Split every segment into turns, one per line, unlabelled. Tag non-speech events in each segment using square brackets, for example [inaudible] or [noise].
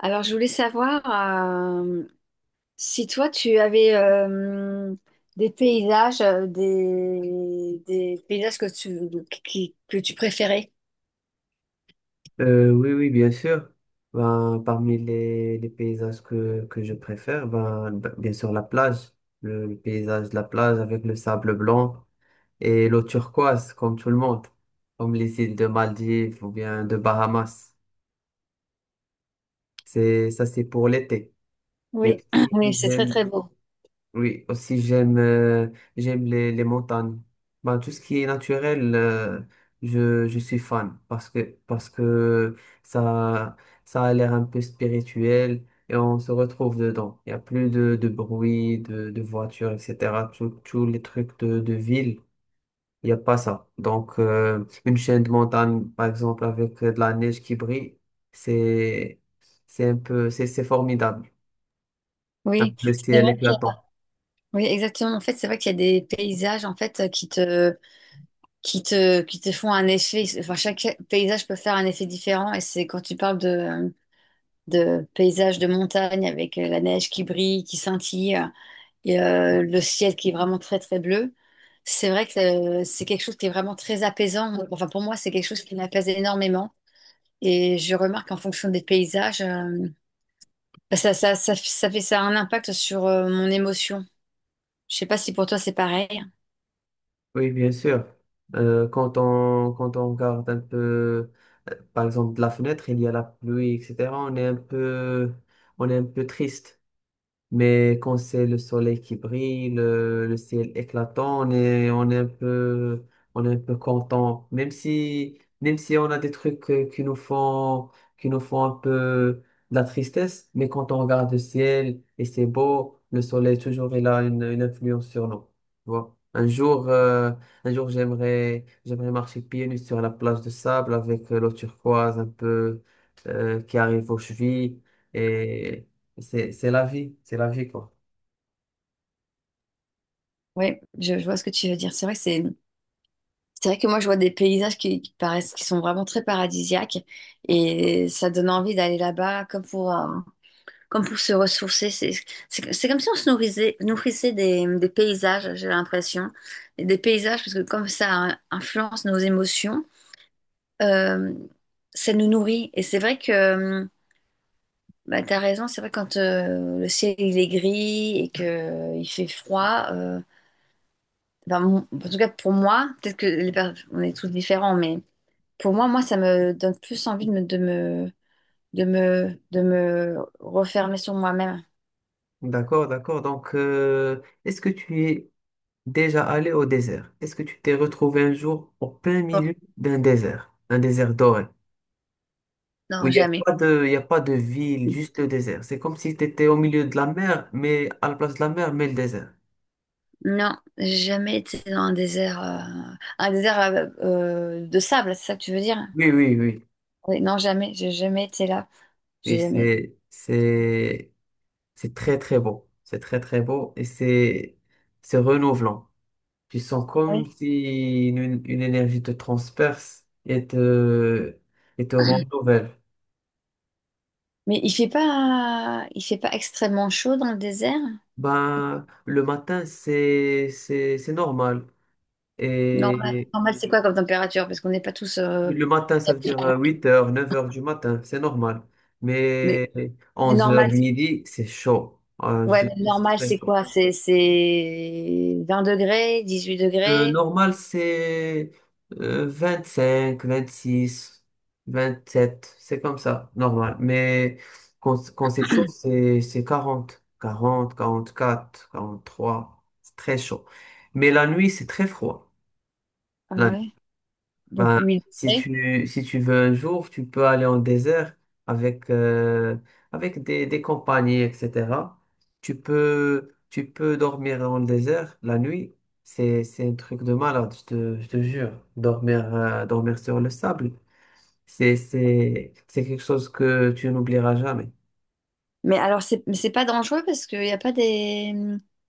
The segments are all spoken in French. Alors, je voulais savoir si toi, tu avais des paysages, des paysages que tu préférais.
Oui, oui, bien sûr. Ben, parmi les paysages que je préfère, ben, bien sûr la plage, le paysage de la plage avec le sable blanc et l'eau turquoise, comme tout le monde, comme les îles de Maldives ou bien de Bahamas. Ça c'est pour l'été. Mais
Oui,
aussi,
[clears throat] oui, c'est très,
j'aime,
très beau.
Oui, aussi j'aime j'aime les montagnes. Ben, tout ce qui est naturel, je suis fan parce que ça ça a l'air un peu spirituel et on se retrouve dedans. Il n'y a plus de bruit, de voitures, etc. Tous tous les trucs de ville, il n'y a pas ça. Donc une chaîne de montagne, par exemple, avec de la neige qui brille, c'est c'est formidable. Un peu.
Oui,
Le
c'est
ciel
vrai.
éclatant.
Oui, exactement. En fait, c'est vrai qu'il y a des paysages en fait qui te font un effet. Enfin, chaque paysage peut faire un effet différent. Et c'est quand tu parles de paysages de montagne avec la neige qui brille, qui scintille. Le ciel qui est vraiment très très bleu. C'est vrai que c'est quelque chose qui est vraiment très apaisant. Enfin, pour moi, c'est quelque chose qui m'apaise énormément. Et je remarque en fonction des paysages, ça fait ça a un impact sur mon émotion. Je sais pas si pour toi c'est pareil.
Oui, bien sûr. Quand quand on regarde un peu, par exemple, de la fenêtre, il y a la pluie, etc. On est un peu, on est un peu triste. Mais quand c'est le soleil qui brille, le ciel éclatant, on est un peu, on est un peu content. Même si on a des trucs qui nous font un peu de la tristesse, mais quand on regarde le ciel et c'est beau, le soleil toujours il a une influence sur nous. Tu vois. Un jour j'aimerais marcher pieds nus sur la plage de sable avec l'eau turquoise un peu qui arrive aux chevilles et c'est la vie, quoi.
Oui, je vois ce que tu veux dire. C'est vrai que moi je vois des paysages qui paraissent qui sont vraiment très paradisiaques et ça donne envie d'aller là-bas comme pour se ressourcer. C'est comme si on se nourrissait, nourrissait des paysages, j'ai l'impression. Et des paysages, parce que comme ça influence nos émotions, euh, ça nous nourrit. Et c'est vrai que, bah, tu as raison, c'est vrai quand le ciel il est gris et qu'il fait froid, ben, mon- en tout cas pour moi, peut-être que les per- on est tous différents, mais pour moi, moi, ça me donne plus envie de me refermer sur moi-même.
D'accord, d'accord. Donc, est-ce que tu es déjà allé au désert? Est-ce que tu t'es retrouvé un jour au plein
Bon,
milieu d'un désert, un désert doré, où
non,
il n'y a
jamais.
pas de, il y a pas de ville, juste le désert. C'est comme si tu étais au milieu de la mer, mais à la place de la mer, mais le désert.
Non, j'ai jamais été dans un désert de sable, c'est ça que tu veux dire?
Oui, oui, oui.
Oui, non, jamais, j'ai jamais été là.
Et
J'ai jamais.
c'est très, très beau. C'est très, très beau et c'est renouvelant. Tu sens
Ah
comme
oui.
si une énergie te transperce et et te rend nouvelle.
Mais il fait pas extrêmement chaud dans le désert?
Ben, le matin, c'est normal.
Normal,
Et
normal, c'est quoi comme température? Parce qu'on n'est pas tous.
le matin, ça veut dire huit heures neuf heures du matin, c'est normal.
Mais,
Mais
mais
onze heures
normal,
midi, c'est chaud. Je te
ouais, mais
dis, c'est
normal,
très.
c'est quoi? C'est 20 degrés, 18
Le
degrés.
normal, c'est euh, six vingt sept, c'est comme ça, normal. Mais quand c'est chaud, c'est quarante quarante quarante quatre quarante trois, c'est très chaud. Mais la nuit, c'est très froid.
Ah
La
ouais. Donc
ben,
8 degrés.
si tu veux un jour, tu peux aller en désert avec, avec des compagnies, etc. Tu peux dormir en désert la nuit. C'est un truc de malade, je te jure. Dormir, dormir sur le sable, c'est quelque chose que tu n'oublieras jamais.
Mais alors, mais c'est pas dangereux parce qu'il n'y a pas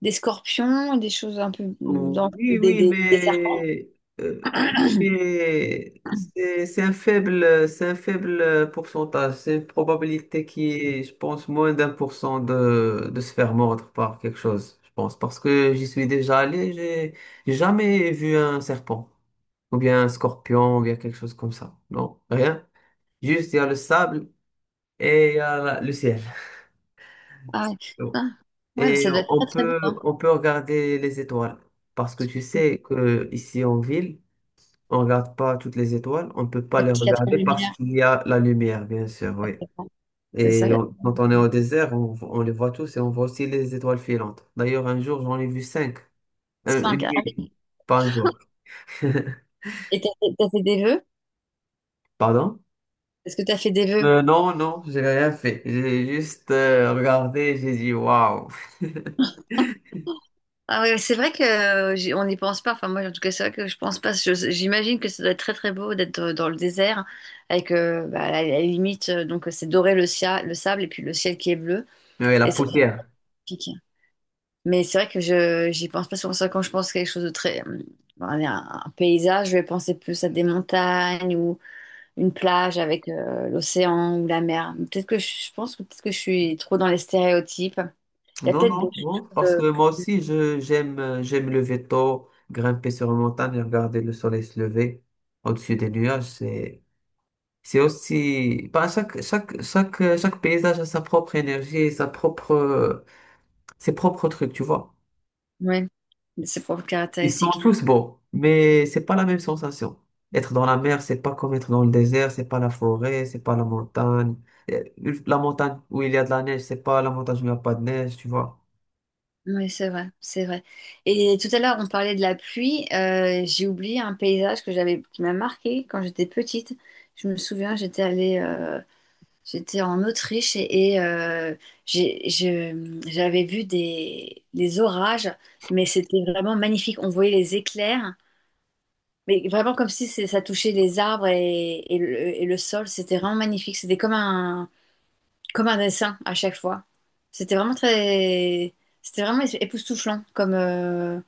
des scorpions, des choses un peu
Oh,
dangereuses,
oui,
des serpents.
euh, oui, mais c'est un faible pourcentage. C'est une probabilité qui est, je pense, moins d'un pour cent de se faire mordre par quelque chose, je pense. Parce que j'y suis déjà allé, j'ai jamais vu un serpent, ou bien un scorpion, ou bien quelque chose comme ça. Non, rien. Juste, il y a le sable et il y a le ciel.
Ah ouais.
Bon.
Ah. Ouais, mais
Et
ça doit être très très beau. Hein.
on peut regarder les étoiles. Parce que tu sais que ici en ville, on regarde pas toutes les étoiles, on peut pas
Parce
les
qu'il y a trop de
regarder. Mhm. Parce
lumière.
qu'il y a la lumière, bien sûr, oui.
C'est ça,
Et
il y a
on- quand on est au désert, on les voit tous et on voit aussi les étoiles filantes. D'ailleurs, un jour, j'en ai vu cinq. Une
cinq. Ah
nuit,
oui.
pas un jour. [laughs]
Et t'as fait des vœux?
Pardon?
Est-ce que t'as fait des vœux?
Non, non, j'ai rien fait. J'ai juste regardé, j'ai dit waouh. [laughs]
Ah ouais, c'est vrai que on n'y pense pas. Enfin, moi, en tout cas, c'est vrai que je pense pas. Je- J'imagine que ça doit être très très beau d'être dans le désert avec bah, à la limite, c'est doré le sable et puis le ciel qui est bleu.
Mais la
Et ça,
poussière.
mais c'est vrai que je j'y pense pas souvent ça quand je pense à quelque chose de très allez, un paysage, je vais penser plus à des montagnes ou une plage avec l'océan ou la mer. Peut-être que je pense que peut-être que je suis trop dans les stéréotypes. Il y a
Non,
peut-être des
non, non,
choses
parce que moi aussi, je j'aime j'aime me lever tôt, grimper sur une montagne et regarder le soleil se lever au-dessus des nuages. C'est aussi, bah, chaque paysage a sa propre énergie, sa propre, ses propres trucs, tu vois.
ouais, de ses propres
Ils sont
caractéristiques.
tous beaux, mais c'est pas la même sensation. Être dans la mer, c'est pas comme être dans le désert, c'est pas la forêt, c'est pas la montagne. Euh, La montagne où il y a de la neige, c'est pas la montagne où il n'y a pas de neige, tu vois.
Oui, c'est vrai, c'est vrai. Et tout à l'heure, on parlait de la pluie. J'ai oublié un paysage que j'avais qui m'a marqué quand j'étais petite. Je me souviens, j'étais en Autriche j'avais vu des orages, mais c'était vraiment magnifique. On voyait les éclairs, mais vraiment comme si c'est- ça touchait les arbres et le sol. C'était vraiment magnifique. Comme un dessin à chaque fois. C'était vraiment très, C'était vraiment époustouflant comme,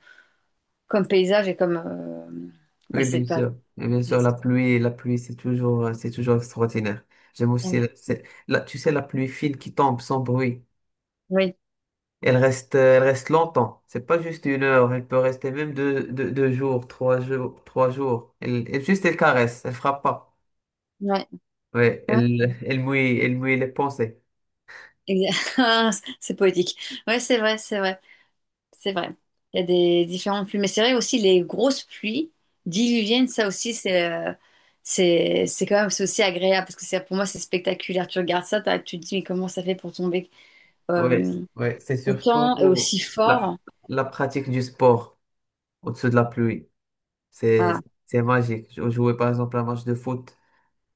comme paysage et comme, bah
Oui,
c'est
bien
pas,
sûr. Bien
oui,
sûr, la pluie, c'est toujours extraordinaire. J'aime aussi, tu sais, la pluie fine qui tombe sans bruit.
ouais,
Elle reste longtemps. C'est pas juste une heure. Elle peut rester même deux jours, trois jours. Elle caresse. Elle frappe pas. Ouais,
ouais,
elle mouille les pensées.
exa- [laughs] c'est poétique. Ouais, c'est vrai, c'est vrai. C'est vrai. Il y a des différentes pluies. Mais c'est vrai aussi, les grosses pluies diluviennes, ça aussi, c'est quand même c'est aussi agréable parce que c'est pour moi, c'est spectaculaire. Tu regardes ça, tu te dis, mais comment ça fait pour tomber
Ouais,
euh,
ouais, c'est surtout
autant et aussi
la,
fort?
la pratique du sport au-dessus de la pluie.
Ah,
C'est magique. Je jouais par exemple un match de foot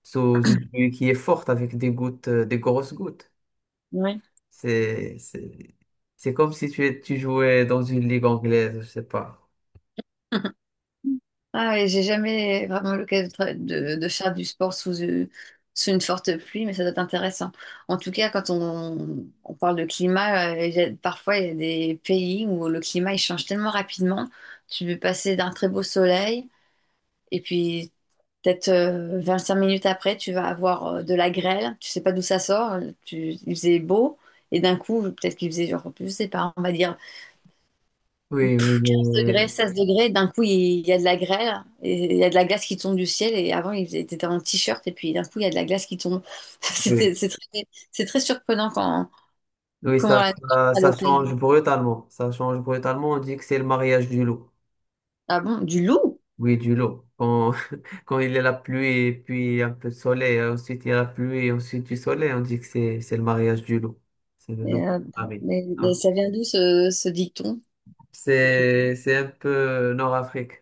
sous une pluie qui est forte avec des gouttes, des grosses gouttes.
oui.
C'est, c'est, c'est comme si tu jouais dans une ligue anglaise, je sais pas.
Ah, et j'ai jamais vraiment l'occasion de faire du sport sous, sous une forte pluie, mais ça doit être intéressant. En tout cas, on parle de climat, parfois il y a des pays où le climat il change tellement rapidement. Tu peux passer d'un très beau soleil et puis peut-être cinq minutes après, tu vas avoir de la grêle. Tu sais pas d'où ça sort. Il faisait beau et d'un coup, peut-être qu'il faisait genre, je sais pas, on va dire
Oui, oui,
15 degrés,
mais
16 degrés, d'un coup, il y a de la grêle, et il y a de la glace qui tombe du ciel, et avant, il était en t-shirt, et puis d'un coup, il y a de la glace qui tombe. [laughs] C'était-
oui.
C'est très, c'est très surprenant quand,
Oui,
comment la nature elle
ça
opère.
change brutalement. Ça change brutalement. On dit que c'est le mariage du loup.
Ah bon, du loup?
Oui, du lot. Quand, [laughs] quand il y a la pluie et puis un peu de soleil, ensuite il y a la pluie et ensuite du soleil, on dit que c'est le mariage du lot. C'est le
Mais,
lot. Ah oui.
mais
Hein.
ça vient d'où ce dicton? Tu connais.
C'est un peu Nord-Afrique.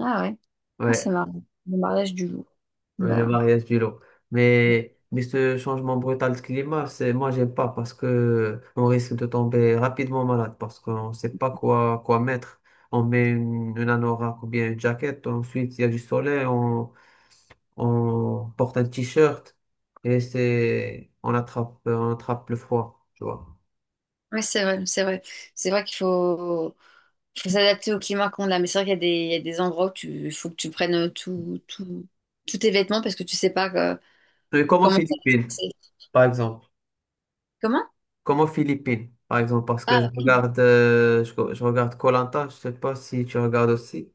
Ah ouais, ah, c'est
Ouais,
marrant, le mariage du loup.
ouais, le
Bah,
mariage du lot. Mais ce changement brutal de climat, c'est, moi, j'aime pas parce que on risque de tomber rapidement malade parce qu'on sait pas quoi mettre. On met une anorak ou bien une jaquette. Ensuite, il y a du soleil. On porte un t-shirt et c'est, on attrape le froid, tu vois.
ouais, c'est vrai, c'est vrai. C'est vrai qu'il faut. Faut s'adapter au climat qu'on a. Mais c'est vrai qu'il y a il y a des endroits où tu, il faut que tu prennes tous tes vêtements parce que tu sais pas
Mais comme aux
comment ça va se
Philippines,
passer.
par exemple.
Comment?
Comme aux Philippines, par exemple, parce que je
Ah, oui.
regarde, je regarde koh, je sais pas si tu regardes aussi.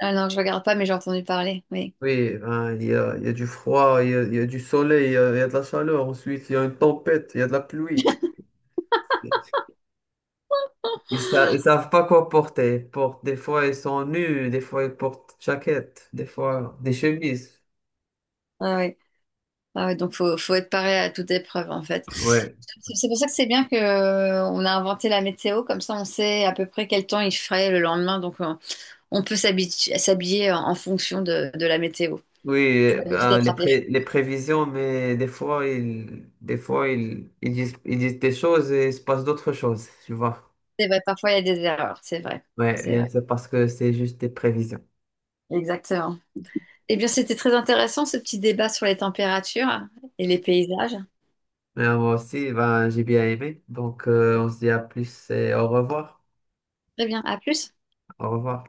Ah non, je regarde pas, mais j'ai entendu parler. Oui.
Oui, ben, il y a du froid, il y a du soleil, il y a de la chaleur, ensuite il y a une tempête, il y a de la pluie. Ils ils savent pas quoi porter. Ils portent- des fois ils sont nus, des fois ils portent jaquette, des fois des chemises.
Ah, oui. Ah, oui. Donc, faut être paré à toute épreuve, en fait.
Ouais.
C'est pour ça que c'est bien que, on a inventé la météo. Comme ça, on sait à peu près quel temps il ferait le lendemain. Donc, on peut s'habiller en fonction de la météo
Oui,
pour éviter
ben,
d'attraper.
les prévisions, mais des fois, ils disent des choses et il se passe d'autres choses, tu vois.
C'est vrai, parfois, il y a des erreurs. C'est vrai.
Ouais,
C'est vrai.
bien sûr, parce que c'est juste des prévisions.
Exactement. Eh bien, c'était très intéressant ce petit débat sur les températures et les paysages.
Mais moi aussi, ben, j'ai bien aimé. Donc, on se dit à plus et au revoir.
Très bien, à plus.
Au revoir.